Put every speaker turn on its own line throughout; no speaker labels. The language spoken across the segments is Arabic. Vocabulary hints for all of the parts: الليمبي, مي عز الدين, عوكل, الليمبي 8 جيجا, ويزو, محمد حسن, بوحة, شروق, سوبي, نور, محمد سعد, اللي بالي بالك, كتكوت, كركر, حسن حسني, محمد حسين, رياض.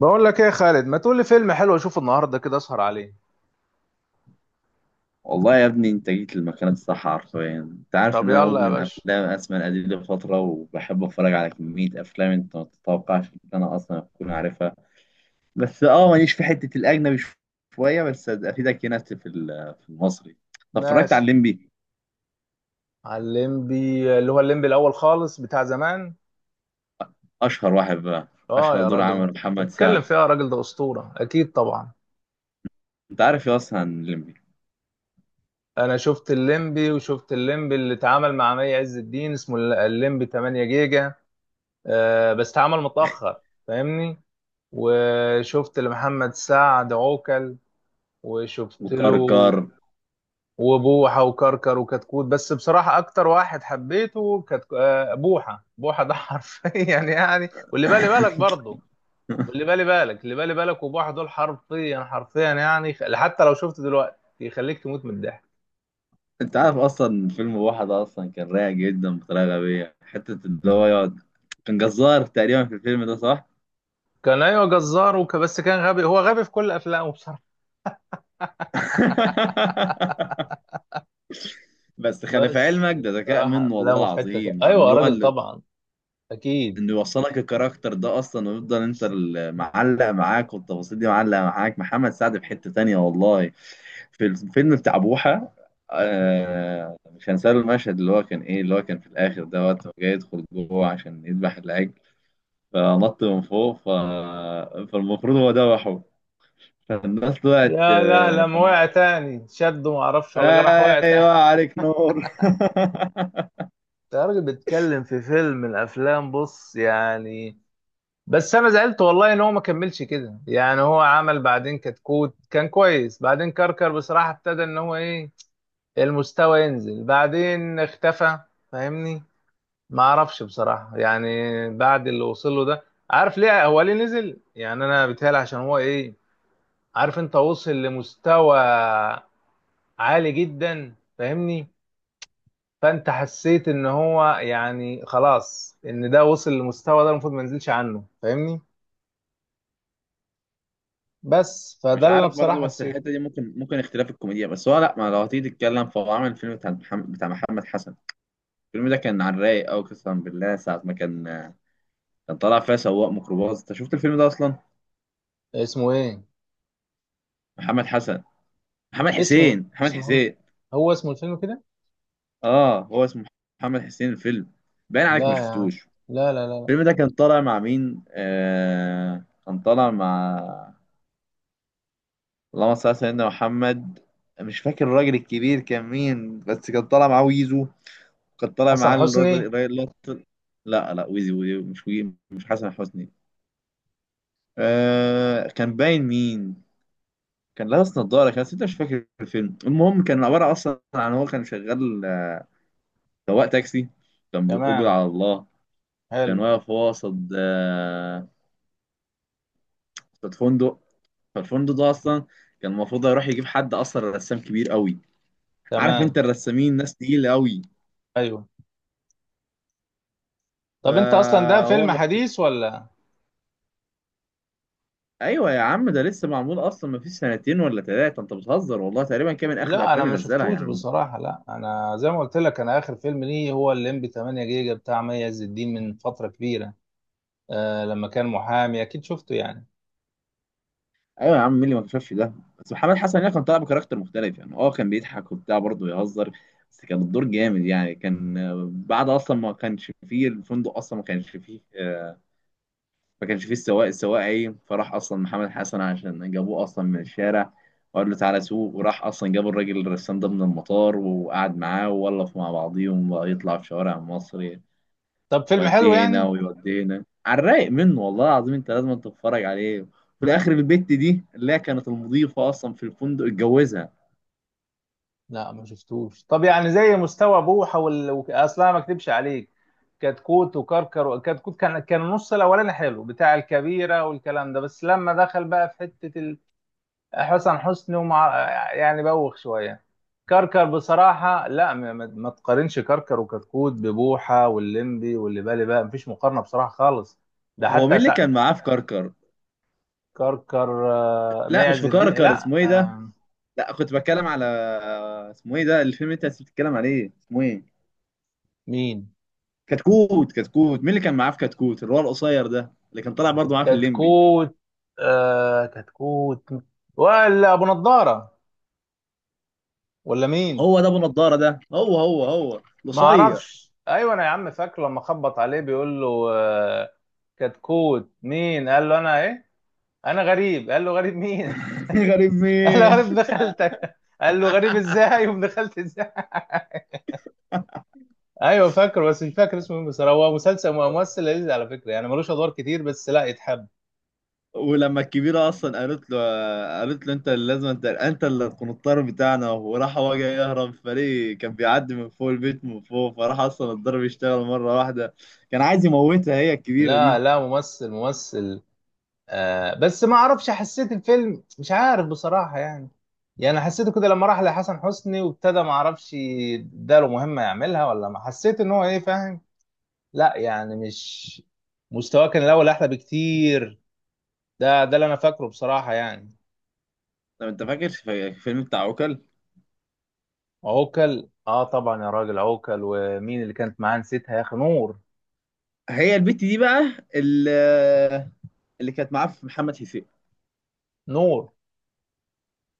بقول لك ايه يا خالد، ما تقول لي فيلم حلو اشوفه النهارده كده اسهر عليه.
والله يا ابني انت جيت للمكان الصح حرفيا. انت عارف
طب
ان انا
يلا يا
مدمن
باشا.
افلام، اسماء القدير لفتره، وبحب اتفرج على كميه افلام انت ما تتوقعش ان انا اصلا اكون عارفها. بس ماليش في حته الاجنبي، شويه، بس افيدك هنا في في المصري. طب، اتفرجت على
ماشي.
الليمبي؟
على الليمبي اللي هو الليمبي الاول خالص بتاع زمان.
اشهر واحد بقى.
اه
اشهر
يا
دور
راجل،
عمل
انت
محمد
بتتكلم
سعد.
فيها يا راجل، ده اسطوره اكيد طبعا.
انت عارف يا اصلا عن الليمبي؟
انا شفت الليمبي وشفت الليمبي اللي اتعمل مع مي عز الدين، اسمه الليمبي 8 جيجا. آه بس اتعمل متاخر. فاهمني. وشفت لمحمد سعد عوكل وشفت
وكار
له
كار.
وبوحة وكركر وكتكوت. بس بصراحة أكتر واحد حبيته كتك... آه، بوحة ده حرفيا يعني واللي بالي بالك برضه. واللي بالي بالك وبوحة دول حرفيا حرفيا، يعني حتى لو شفت دلوقتي يخليك تموت من الضحك.
انت عارف اصلا فيلم بوحة ده اصلا كان رايق جدا بطريقه غبيه، حته اللي هو يقعد. كان جزار تقريبا في الفيلم ده، صح؟
كان أيوة جزار بس كان غبي، هو غبي في كل أفلامه بصراحة.
بس خلي في
بس
علمك ده ذكاء
بصراحة
منه والله
أفلامه في حتة
العظيم، يعني
أيوة يا راجل طبعا، أكيد.
انه يوصلك الكاركتر ده اصلا ويفضل انت اللي معلق معاك، والتفاصيل دي معلقه معاك. محمد سعد في حته تانية والله، في الفيلم بتاع بوحة. آه مش هنساله المشهد اللي هو كان ايه، اللي هو كان في الاخر ده، وقت ما جاي يدخل جوه عشان يذبح العجل، فنط من فوق. فالمفروض هو ذبحه، فالناس طلعت،
يا لا، لما وقع تاني شده، معرفش ولا جرح، وقع تاني.
ايوه عليك نور.
ده راجل بيتكلم في فيلم من الافلام، بص يعني. بس انا زعلت والله ان هو ما كملش كده، يعني هو عمل بعدين كتكوت كان كويس، بعدين كركر بصراحة ابتدى ان هو ايه، المستوى ينزل، بعدين اختفى. فاهمني. ما اعرفش بصراحة يعني، بعد اللي وصل له ده. عارف ليه هو ليه نزل؟ يعني انا بيتهيألي عشان هو ايه، عارف، انت وصل لمستوى عالي جدا، فاهمني، فانت حسيت ان هو يعني خلاص ان ده وصل للمستوى ده المفروض ما ينزلش عنه، فاهمني. بس
مش
فده اللي انا
عارف
بصراحة
برضو، بس الحته
حسيته.
دي ممكن اختلاف الكوميديا. بس هو لا، ما لو هتيجي تتكلم، فهو عمل الفيلم بتاع محمد، بتاع محمد حسن. الفيلم ده كان على الرايق قوي قسما بالله، ساعه ما كان، كان طالع فيها سواق ميكروباص. انت شفت الفيلم ده اصلا؟
اسمه ايه؟
محمد حسن، محمد
اسمه
حسين، محمد
اسمه محمد،
حسين.
هو اسمه الفيلم كده؟
اه هو اسمه محمد حسين، الفيلم. باين عليك ما
لا يا عم،
شفتوش.
لا لا لا لا.
الفيلم ده كان طالع مع مين؟ كان طالع مع، اللهم صل على سيدنا محمد، مش فاكر الراجل الكبير كان مين، بس كان طالع معاه ويزو. كان طالع
حسن
معاه
حسني.
الراجل، لا لا، ويزو ويزو، مش حسن حسني. كان باين مين، كان لابس نظارة كان، بس أنت مش فاكر الفيلم. المهم كان عبارة أصلا عن هو كان شغال، سواق تاكسي، كان بالأجرة
تمام.
على الله. كان
حلو.
واقف هو قصاد، قصاد فندق. فالفندق ده اصلا كان المفروض هيروح يجيب حد اصلا رسام كبير قوي. عارف انت
تمام.
الرسامين ناس تقيله قوي.
ايوه. طب انت اصلا ده
فهو
فيلم
المفروض.
حديث ولا؟
ايوه يا عم، ده لسه معمول اصلا، ما فيش سنتين ولا ثلاثه، انت بتهزر والله. تقريبا كان من اخر
لا انا
الافلام
ما
اللي نزلها
شفتوش
يعني.
بصراحه. لا انا زي ما قلت لك، انا اخر فيلم ليه هو الليمبي 8 جيجا بتاع مي عز الدين، من فتره كبيره. آه لما كان محامي اكيد شفته يعني.
ايوه يا عم، مين اللي ما اكتشفش ده؟ بس محمد حسن يعني كان طالع بكاركتر مختلف يعني، اه كان بيضحك وبتاع، برضه يهزر، بس كان الدور جامد يعني. كان بعد اصلا ما كانش فيه الفندق، اصلا ما كانش فيه، ما كانش فيه السواق، السواق ايه، فراح اصلا محمد حسن، عشان جابوه اصلا من الشارع وقال له تعالى سوق، وراح اصلا جاب الراجل الرسام ده من المطار، وقعد معاه وولف مع بعضيهم، بقى يطلع في شوارع مصر،
طب فيلم حلو
يوديه هنا
يعني؟
ويوديه هنا، على الرايق منه والله العظيم. انت لازم تتفرج عليه. في الاخر البت دي اللي هي كانت المضيفه اصلا في الفندق، اتجوزها.
لا ما شفتوش. طب يعني زي مستوى بوحة اصلا ما اكدبش عليك، كتكوت وكركر وكتكوت، كان النص الاولاني حلو بتاع الكبيرة والكلام ده، بس لما دخل بقى في حتة حسن حسني ومع، يعني بوخ شوية. كركر بصراحة لا، ما تقارنش كركر وكتكوت ببوحة واللمبي واللي بالي بقى، مفيش مقارنة بصراحة خالص. ده
هو مين
حتى
اللي
سع...
كان معاه في كركر؟
كركر آه، مي
لا مش
عز
في
الدين،
كركر،
لا
اسمه ايه ده؟
آه،
لا كنت بتكلم على، اسمه ايه ده الفيلم اللي انت بتتكلم عليه، اسمه ايه؟
مين؟
كتكوت، كتكوت، مين اللي كان معاه في كتكوت؟ اللي هو القصير ده اللي كان طالع برضه معاه في الليمبي.
كتكوت. آه كتكوت، ولا ابو نضاره، ولا مين؟
هو ده ابو نضاره ده، هو هو هو
ما
القصير.
اعرفش. ايوه انا يا عم فاكره لما خبط عليه بيقول له آه كتكوت مين؟ قال له انا ايه، انا غريب. قال له غريب مين؟
غريب
قال له
مين؟
غريب ابن خالتك. قال له غريب ازاي وابن خالتي ازاي؟ ايوه فاكره، بس مش فاكر اسمه مين، بس هو مسلسل ممثل لذيذ على فكره يعني، ملوش ادوار كتير بس لا يتحب.
ولما الكبيرة أصلا قالت له، قالت له أنت اللي لازم، أنت اللي القنطار بتاعنا، وراح هو جاي يهرب، فريق كان بيعدي من فوق البيت من فوق، فراح أصلا الضرب يشتغل مرة واحدة. كان عايز يموتها هي، الكبيرة
لا
دي.
لا، ممثل ممثل. آه بس ما اعرفش، حسيت الفيلم مش عارف بصراحة يعني. يعني حسيته كده لما راح لحسن حسني وابتدى ما اعرفش اداله مهمة يعملها ولا، ما حسيت ان هو ايه، فاهم. لا يعني مش، مستواه كان الاول احلى بكتير. ده اللي انا فاكره بصراحة يعني.
طب أنت فاكر في الفيلم بتاع عوكل؟
عوكل اه طبعا يا راجل، عوكل ومين اللي كانت معاه؟ نسيتها يا اخي. نور.
هي البت دي بقى، اللي كانت معاه في محمد حسين،
نور.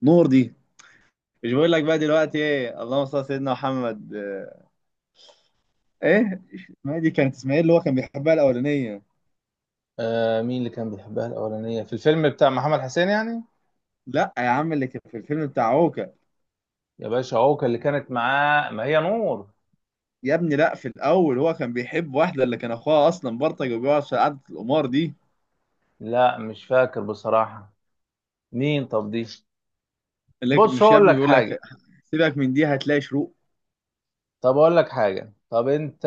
نور دي. مش بقول لك بقى دلوقتي ايه، اللهم صل على سيدنا محمد، ايه، ما دي كانت اسماعيل اللي هو كان بيحبها الاولانيه.
آه مين اللي كان بيحبها الاولانية في الفيلم بتاع محمد حسين يعني؟
لا يا عم، اللي كان في الفيلم بتاع عوكة،
يا باشا عوكل اللي كانت معاه ما هي نور.
يا ابني لا، في الاول هو كان بيحب واحده اللي كان اخوها اصلا برطج وبيقعد في قعده القمار دي.
لا مش فاكر بصراحة. مين طب دي؟ بص
مش يا
هقول
ابني
لك
بيقول لك،
حاجه.
سيبك من دي، هتلاقي شروق.
طب اقول لك حاجه، طب انت،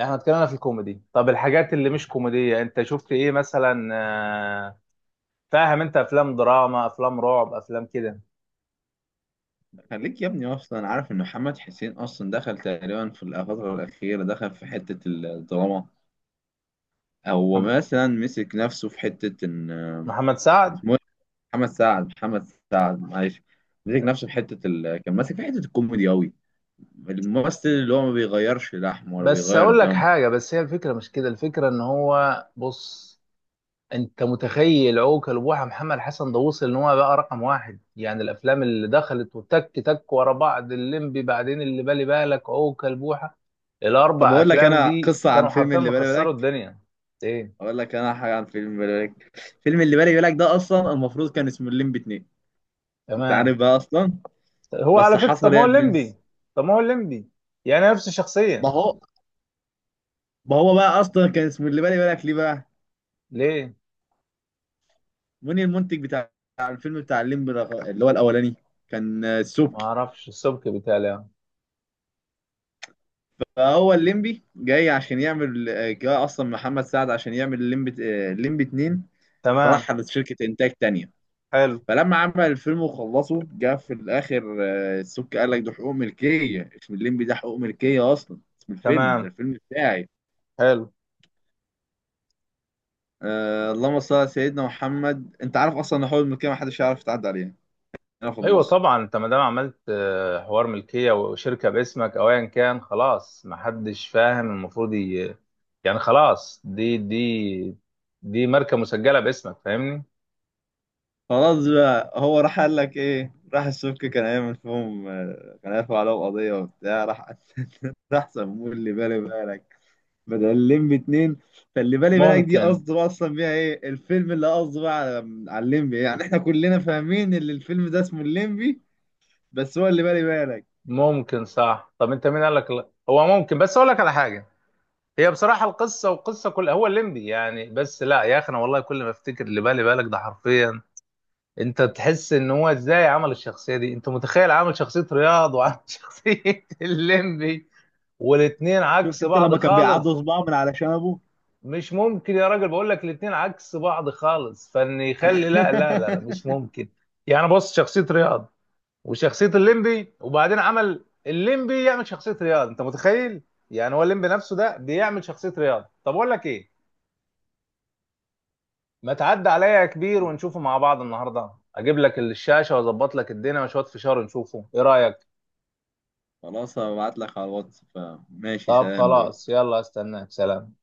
احنا اتكلمنا في الكوميدي، طب الحاجات اللي مش كوميديه انت شفت ايه مثلا، فاهم، انت افلام دراما، افلام رعب، افلام كده.
خليك يا ابني اصلا عارف ان محمد حسين اصلا دخل تقريبا في الفتره الاخيره دخل في حته الدراما. هو
محم-
مثلا مسك نفسه في حته ان،
محمد سعد.
محمود محمد سعد محمد سعد، معلش، مسك نفسه في كان ماسك في حته الكوميدي قوي، الممثل اللي هو ما بيغيرش لحمه ولا
بس
بيغير
اقول لك
دمه.
حاجه، بس هي الفكره مش كده، الفكره ان هو بص، انت متخيل عوكل بوحة محمد حسن، ده وصل ان هو بقى رقم واحد، يعني الافلام اللي دخلت وتك تك ورا بعض، الليمبي، بعدين اللي بالي بالك، عوكل، بوحة،
طب
الاربع
اقول لك
افلام
انا
دي
قصه عن
كانوا
فيلم
حرفيا
اللي بالي
مكسروا
بالك.
الدنيا. ايه؟
اقول لك انا حاجه عن فيلم بالي بالك. فيلم اللي بالي بالك ده اصلا المفروض كان اسمه الليمبي 2. انت
تمام.
عارف بقى اصلا،
هو
بس
على فكرة، طب
حصل
ما
ايه
هو
يا
الليمبي،
برنس؟
طب ما هو الليمبي يعني نفس
ما
الشخصية.
هو ما هو بقى اصلا كان اسمه اللي بالي بالك ليه بقى؟
ليه؟
مين المنتج بتاع الفيلم بتاع الليمبي اللي هو الاولاني؟ كان
ما
سوبي.
اعرفش السبك بتاعي.
فهو الليمبي جاي عشان يعمل، جاي اصلا محمد سعد عشان يعمل الليمبي، الليمبي اتنين.
تمام.
فراح على شركة انتاج تانية.
حلو.
فلما عمل الفيلم وخلصه، جه في الاخر السك قال لك ده حقوق ملكية اسم الليمبي، ده حقوق ملكية اصلا اسم الفيلم ده،
تمام.
الفيلم بتاعي.
حلو.
آه، اللهم صل على سيدنا محمد، انت عارف اصلا ان حقوق الملكية محدش يعرف يتعدى عليها هنا في
ايوه
مصر.
طبعا، انت ما دام عملت حوار ملكيه وشركه باسمك او ايا كان، خلاص ما حدش فاهم، المفروض يعني خلاص دي، دي ماركه مسجله باسمك، فاهمني.
خلاص بقى، هو راح قال لك ايه، راح السك كان هيعمل فيهم، كان هيرفع عليهم قضية وبتاع، راح راح سموه اللي بالي بالك بدل لمبي اتنين. فاللي بالي بالك دي
ممكن.
قصده بقى اصلا بيها ايه، الفيلم اللي قصده بقى على، على الليمبي يعني. احنا كلنا فاهمين ان الفيلم ده اسمه الليمبي، بس هو اللي بالي بالك.
ممكن صح. طب انت مين قال لك لا؟ هو ممكن، بس اقول لك على حاجه، هي بصراحه القصه، والقصه كلها هو الليمبي يعني، بس لا يا اخي انا والله كل ما افتكر اللي بالي بالك ده حرفيا، انت تحس ان هو ازاي عمل الشخصيه دي. انت متخيل عامل شخصيه رياض وعامل شخصيه الليمبي، والاتنين
شفت
عكس
انت
بعض
لما كان بيعضوا
خالص.
صباعه من على شنبه؟
مش ممكن يا راجل، بقول لك الاتنين عكس بعض خالص، فان يخلي لا لا لا لا، مش ممكن. يعني بص، شخصيه رياض وشخصيه الليمبي، وبعدين عمل الليمبي يعمل شخصيه رياض، انت متخيل؟ يعني هو الليمبي نفسه ده بيعمل شخصيه رياض. طب اقول لك ايه، ما تعدي عليا يا كبير ونشوفه مع بعض النهارده، اجيب لك الشاشه واظبط لك الدنيا وشويه فشار نشوفه ايه رايك؟
خلاص هبعت لك على الواتس، فماشي
طب
سلام
خلاص
دلوقتي.
يلا، استناك، سلام.